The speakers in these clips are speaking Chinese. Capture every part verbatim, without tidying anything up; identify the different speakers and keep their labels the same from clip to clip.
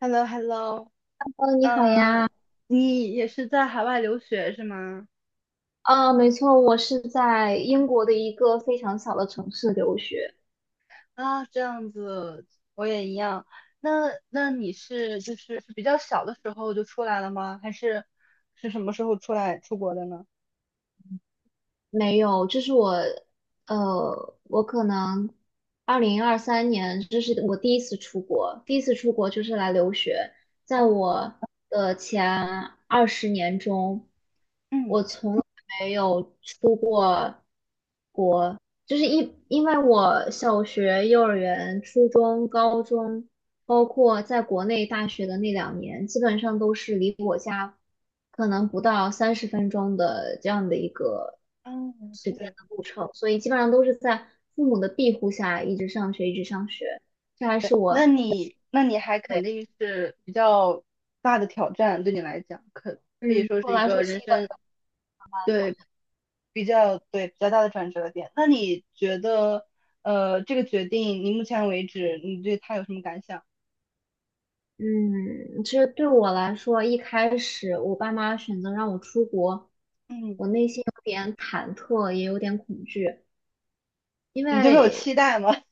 Speaker 1: h e l l o h e l l o
Speaker 2: 哦，你好
Speaker 1: 嗯，
Speaker 2: 呀。
Speaker 1: 你也是在海外留学是吗？
Speaker 2: 啊，没错，我是在英国的一个非常小的城市留学。
Speaker 1: 啊，这样子，我也一样。那那你是就是是比较小的时候就出来了吗？还是是什么时候出来出国的呢？
Speaker 2: 没有，这是我，呃，我可能二零二三年，这是我第一次出国，第一次出国就是来留学。在
Speaker 1: 啊，
Speaker 2: 我的前二十年中，
Speaker 1: 嗯
Speaker 2: 我从来没有出过。就是一，因为我小学、幼儿园、初中、高中，包括在国内大学的那两年，基本上都是离我家可能不到三十分钟的这样的一个
Speaker 1: 嗯，
Speaker 2: 时间
Speaker 1: 对
Speaker 2: 的路程，所以基本上都是在父母的庇护下一直上学，一直上学。这还是
Speaker 1: 对，那
Speaker 2: 我，
Speaker 1: 你那你还肯
Speaker 2: 对，
Speaker 1: 定是比较大的挑战，对你来讲，可可以
Speaker 2: 嗯，对
Speaker 1: 说
Speaker 2: 我
Speaker 1: 是一
Speaker 2: 来
Speaker 1: 个
Speaker 2: 说
Speaker 1: 人
Speaker 2: 是一个，
Speaker 1: 生。对。比较对，比较大的转折点。那你觉得，呃，这个决定，你目前为止，你对他有什么感想？
Speaker 2: 嗯，其实对我来说，一开始我爸妈选择让我出国，
Speaker 1: 嗯，
Speaker 2: 我内心有点忐忑，也有点恐惧。因
Speaker 1: 你就他有期
Speaker 2: 为
Speaker 1: 待吗？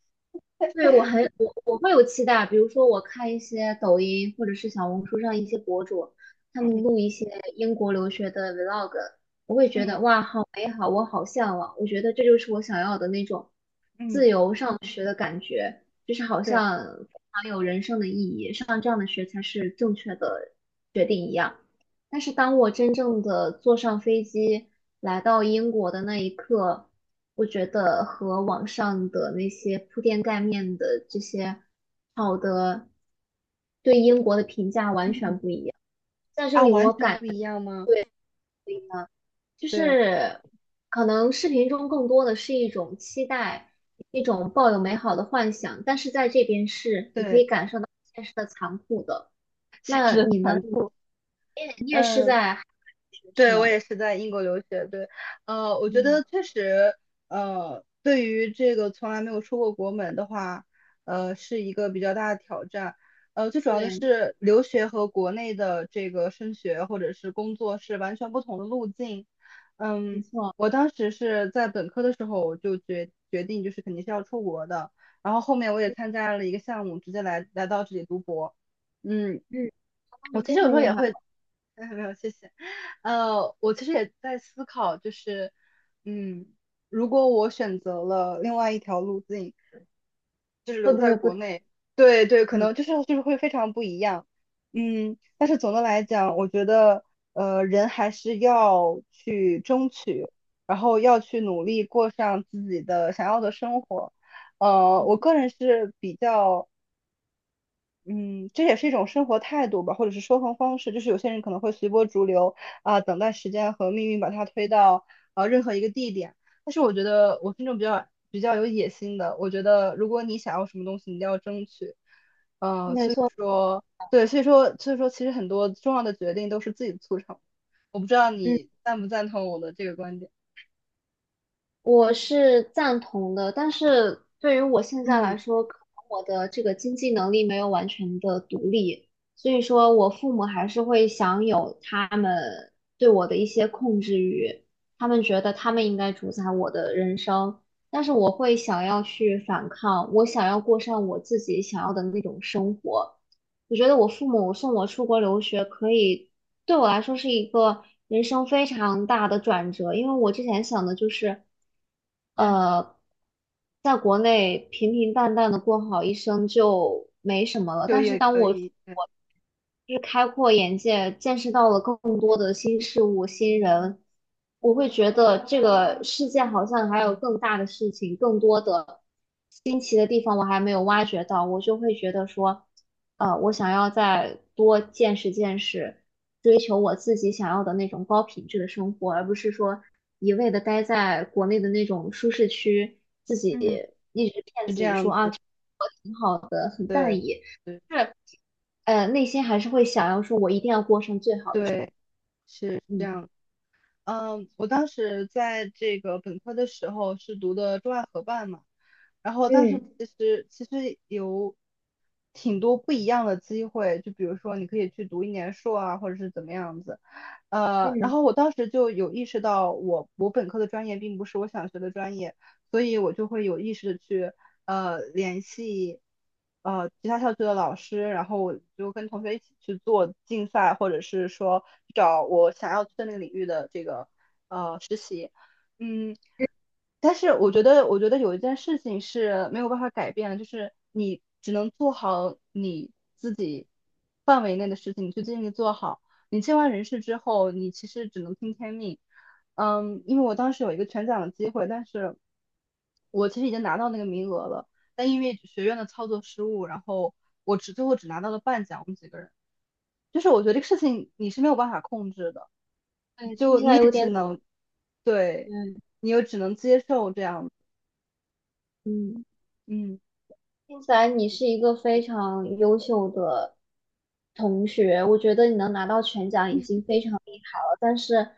Speaker 2: 对我很我我会有期待，比如说我看一些抖音或者是小红书上一些博主，他们
Speaker 1: 嗯
Speaker 2: 录一些英国留学的 vlog，我会觉
Speaker 1: 嗯
Speaker 2: 得哇，好美好，我好向往，我觉得这就是我想要的那种，
Speaker 1: 嗯，
Speaker 2: 就是好
Speaker 1: 对，
Speaker 2: 像非常有人生的意义，上这样的学才是正确的决定一样。但是当我真正的坐上飞机来到英国的那一刻，我觉得和网上的那些铺天盖面的这些好的对英国的评价完
Speaker 1: 嗯
Speaker 2: 全不一样。在这
Speaker 1: 啊，
Speaker 2: 里，
Speaker 1: 完
Speaker 2: 我
Speaker 1: 全不
Speaker 2: 感觉
Speaker 1: 一样吗？
Speaker 2: 呢就
Speaker 1: 对
Speaker 2: 是可能视频中更多的是一种期待，一种抱有美好的幻想，但是在这边是你可
Speaker 1: 对，
Speaker 2: 以感受到现实的残酷的。
Speaker 1: 简
Speaker 2: 那
Speaker 1: 直很
Speaker 2: 你呢？
Speaker 1: 残
Speaker 2: 你
Speaker 1: 酷。
Speaker 2: 也你也是
Speaker 1: 嗯。
Speaker 2: 在海外留学是
Speaker 1: 对，我
Speaker 2: 吗？
Speaker 1: 也是在英国留学。对，呃，我觉
Speaker 2: 嗯，
Speaker 1: 得确实，呃，对于这个从来没有出过国门的话，呃，是一个比较大的挑战。呃，最主要的
Speaker 2: 对。
Speaker 1: 是留学和国内的这个升学或者是工作是完全不同的路径。
Speaker 2: 没
Speaker 1: 嗯，
Speaker 2: 错，
Speaker 1: 我当时是在本科的时候我就决决定就是肯定是要出国的，然后后面我也
Speaker 2: 嗯
Speaker 1: 参加了一个项目，直接来来到这里读博。嗯，
Speaker 2: 嗯，哦
Speaker 1: 我
Speaker 2: 你
Speaker 1: 其
Speaker 2: 非
Speaker 1: 实有时
Speaker 2: 常
Speaker 1: 候
Speaker 2: 厉
Speaker 1: 也
Speaker 2: 害，
Speaker 1: 会。没有没有，谢谢。呃，我其实也在思考，就是，嗯，如果我选择了另外一条路径，就是
Speaker 2: 会
Speaker 1: 留
Speaker 2: 不
Speaker 1: 在
Speaker 2: 会不？
Speaker 1: 国内，对对，可
Speaker 2: 嗯，
Speaker 1: 能就是就是会非常不一样。嗯，但是总的来讲，我觉得，呃，人还是要去争取，然后要去努力过上自己的想要的生活。呃，我个人是比较嗯，这也是一种生活态度吧，或者是说话方式。就是有些人可能会随波逐流啊、等待时间和命运把它推到呃任何一个地点。但是我觉得我是那种比较比较有野心的，我觉得如果你想要什么东西，你一定要争取。呃，
Speaker 2: 没
Speaker 1: 所以
Speaker 2: 错，
Speaker 1: 说，对，所以说，所以说，其实很多重要的决定都是自己促成的。我不知道
Speaker 2: 嗯，
Speaker 1: 你赞不赞同我的这个观点。
Speaker 2: 我是赞同的，但是对于我现在
Speaker 1: 嗯，
Speaker 2: 来说，可能我的这个经济能力没有完全的独立，所以说我父母还是会享有他们对我的一些控制欲，他们觉得他们应该主宰我的人生，但是我会想要去反抗，我想要过上我自己想要的那种生活。我觉得我父母送我出国留学，可以对我来说是一个人生非常大的转折，因为我之前想的就是，
Speaker 1: 对，
Speaker 2: 呃，在国内平平淡淡的过好一生就没什么了。
Speaker 1: 就
Speaker 2: 但是
Speaker 1: 业
Speaker 2: 当
Speaker 1: 可
Speaker 2: 我
Speaker 1: 以，对，
Speaker 2: 我就是开阔眼界，见识到了更多的新事物、新人，我会觉得这个世界好像还有更大的事情，更多的新奇的地方我还没有挖掘到，我就会觉得说，呃，我想要再多见识见识。追求我自己想要的那种高品质的生活，而不是说一味的待在国内的那种舒适区，自己
Speaker 1: 嗯，
Speaker 2: 一直骗
Speaker 1: 是
Speaker 2: 自
Speaker 1: 这
Speaker 2: 己
Speaker 1: 样
Speaker 2: 说啊
Speaker 1: 子，
Speaker 2: 挺好的，很淡
Speaker 1: 对，
Speaker 2: 逸，
Speaker 1: 对，
Speaker 2: 是呃内心还是会想要说我一定要过上最好的生
Speaker 1: 对，是
Speaker 2: 活。
Speaker 1: 这
Speaker 2: 嗯，
Speaker 1: 样。嗯，我当时在这个本科的时候是读的中外合办嘛，然后当时
Speaker 2: 嗯
Speaker 1: 其实其实有挺多不一样的机会，就比如说你可以去读一年硕啊，或者是怎么样子。呃，然
Speaker 2: 嗯，
Speaker 1: 后我当时就有意识到我，我本科的专业并不是我想学的专业，所以我就会有意识的去呃联系呃其他校区的老师，然后我就跟同学一起去做竞赛，或者是说找我想要去的那个领域的这个呃实习。嗯，但是我觉得，我觉得有一件事情是没有办法改变的，就是你只能做好你自己范围内的事情，你去尽力做好。你尽完人事之后，你其实只能听天命。嗯，因为我当时有一个全奖的机会，但是我其实已经拿到那个名额了，但因为学院的操作失误，然后我只最后只拿到了半奖，我们几个人。就是我觉得这个事情你是没有办法控制的，
Speaker 2: 对，听起来有点
Speaker 1: 对，
Speaker 2: 嗯
Speaker 1: 你又只能接受这样，
Speaker 2: 嗯。
Speaker 1: 嗯
Speaker 2: 听起来你是一个非常优秀的同学，我觉得你能拿到全奖已经非常厉害了。但是，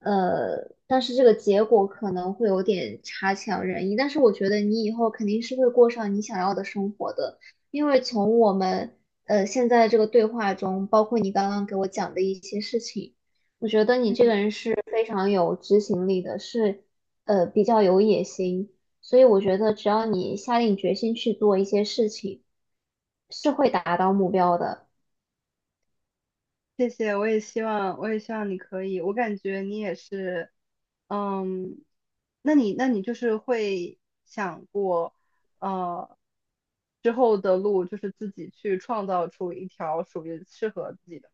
Speaker 2: 呃，但是这个结果可能会有点差强人意。但是我觉得你以后肯定是会过上你想要的生活的，因为从我们呃现在这个对话中，包括你刚刚给我讲的一些事情，我觉得你这
Speaker 1: 嗯。
Speaker 2: 个人是非常有执行力的，是呃比较有野心。所以我觉得，只要你下定决心去做一些事情，是会达到目标的。
Speaker 1: 谢谢，我也希望，我也希望你可以。我感觉你也是，嗯，那你，那你就是会想过，呃，之后的路就是自己去创造出一条属于适合自己的。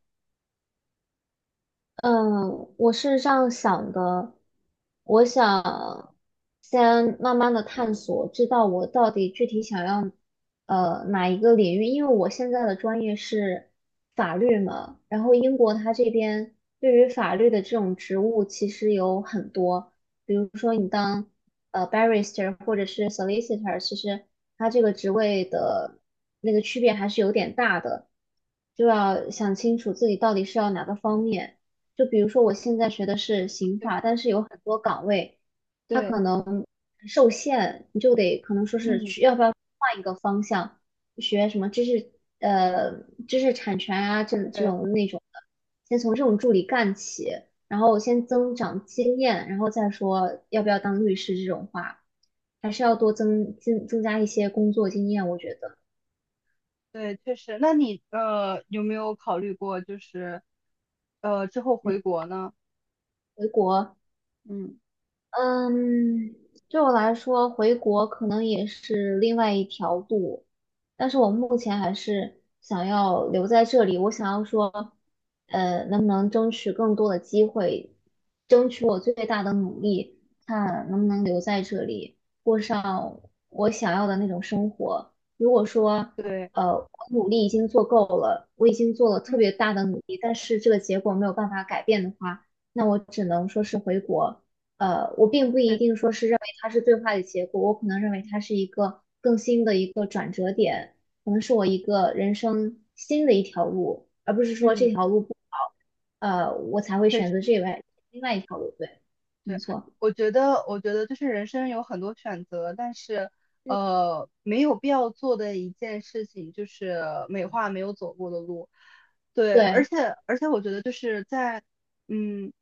Speaker 2: 嗯，我是这样想的，我想先慢慢的探索，知道我到底具体想要呃哪一个领域，因为我现在的专业是法律嘛，然后英国它这边对于法律的这种职务其实有很多，比如说你当呃 barrister 或者是 solicitor，其实它这个职位的那个区别还是有点大的，就要想清楚自己到底是要哪个方面。就比如说我现在学的是刑
Speaker 1: 对
Speaker 2: 法，但是有很多岗位，它
Speaker 1: 对，
Speaker 2: 可能受限，你就得可能说是
Speaker 1: 嗯，
Speaker 2: 去要不要换一个方向，学什么知识呃知识产权啊这这
Speaker 1: 对
Speaker 2: 种那种的，先从这种助理干起，然后先增长经验，然后再说要不要当律师这种话，还是要多增增增加一些工作经验，我觉得。
Speaker 1: 对，确实。那你呃有没有考虑过，就是呃之后
Speaker 2: 嗯，
Speaker 1: 回国呢？
Speaker 2: 回国
Speaker 1: 嗯，
Speaker 2: 嗯，对我来说，回国可能也是另外一条路，但是我目前还是想要留在这里。我想要说，呃，能不能争取更多的机会，争取我最大的努力，看能不能留在这里，过上我想要的那种生活。如果说，
Speaker 1: 对，
Speaker 2: 呃，我努力已经做够了，我已经做了特
Speaker 1: 嗯，
Speaker 2: 别大的努力，但是这个结果没有办法改变的话，那我只能说是回国。呃，我并不一
Speaker 1: 对，
Speaker 2: 定说是认为它是最坏的结果，我可能认为它是一个更新的一个转折点，可能是我一个人生新的一条路，而不是说这
Speaker 1: 嗯。
Speaker 2: 条路不好，呃，我才会
Speaker 1: 确
Speaker 2: 选
Speaker 1: 实
Speaker 2: 择这外另外一条路。对，没
Speaker 1: 对，
Speaker 2: 错，
Speaker 1: 我觉得，我觉得就是人生有很多选择，但是，
Speaker 2: 嗯
Speaker 1: 呃，没有必要做的一件事情就是美化没有走过的路。对，而
Speaker 2: 对
Speaker 1: 且，而且我觉得就是在，嗯，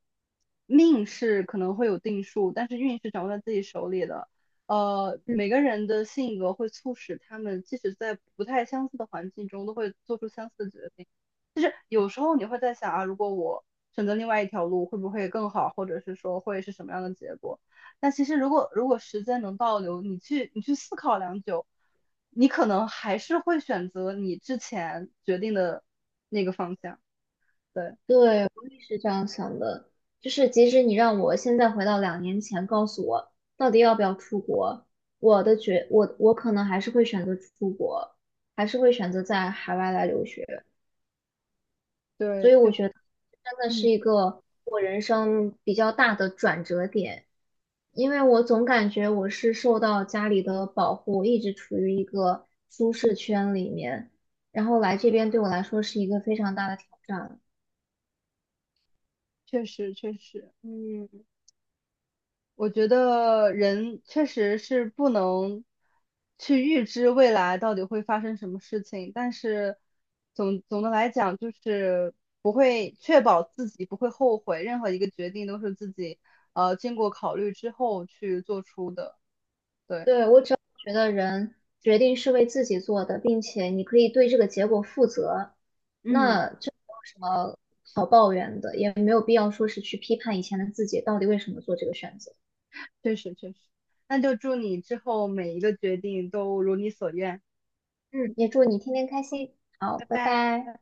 Speaker 1: 命是可能会有定数，但是运是掌握在自己手里的。呃，
Speaker 2: 嗯
Speaker 1: 每个人的性格会促使他们，即使在不太相似的环境中，都会做出相似的决定。就是有时候你会在想啊，如果我选择另外一条路，会不会更好，或者是说会是什么样的结果？但其实如果如果时间能倒流，你去你去思考良久，你可能还是会选择你之前决定的那个方向。对，
Speaker 2: 对，我也是这样想的。就是即使你让我现在回到两年前，告诉我到底要不要出国，我的觉我我可能还是会选择出国，还是会选择在海外来留学。所
Speaker 1: 对，
Speaker 2: 以
Speaker 1: 确
Speaker 2: 我
Speaker 1: 实，
Speaker 2: 觉得真的是
Speaker 1: 嗯，
Speaker 2: 一个我人生比较大的转折点，因为我总感觉我是受到家里的保护，一直处于一个舒适圈里面，然后来这边对我来说是一个非常大的挑战。
Speaker 1: 确实，确实，嗯。我觉得人确实是不能去预知未来到底会发生什么事情，但是总总的来讲，就是不会确保自己不会后悔，任何一个决定都是自己呃经过考虑之后去做出的。对，
Speaker 2: 对，我只要觉得人决定是为自己做的，并且你可以对这个结果负责，
Speaker 1: 嗯，
Speaker 2: 那这没有什么好抱怨的，也没有必要说是去批判以前的自己到底为什么做这个选择。
Speaker 1: 确实确实，那就祝你之后每一个决定都如你所愿，
Speaker 2: 嗯，也祝你天天开心。好，
Speaker 1: 拜
Speaker 2: 拜
Speaker 1: 拜。
Speaker 2: 拜。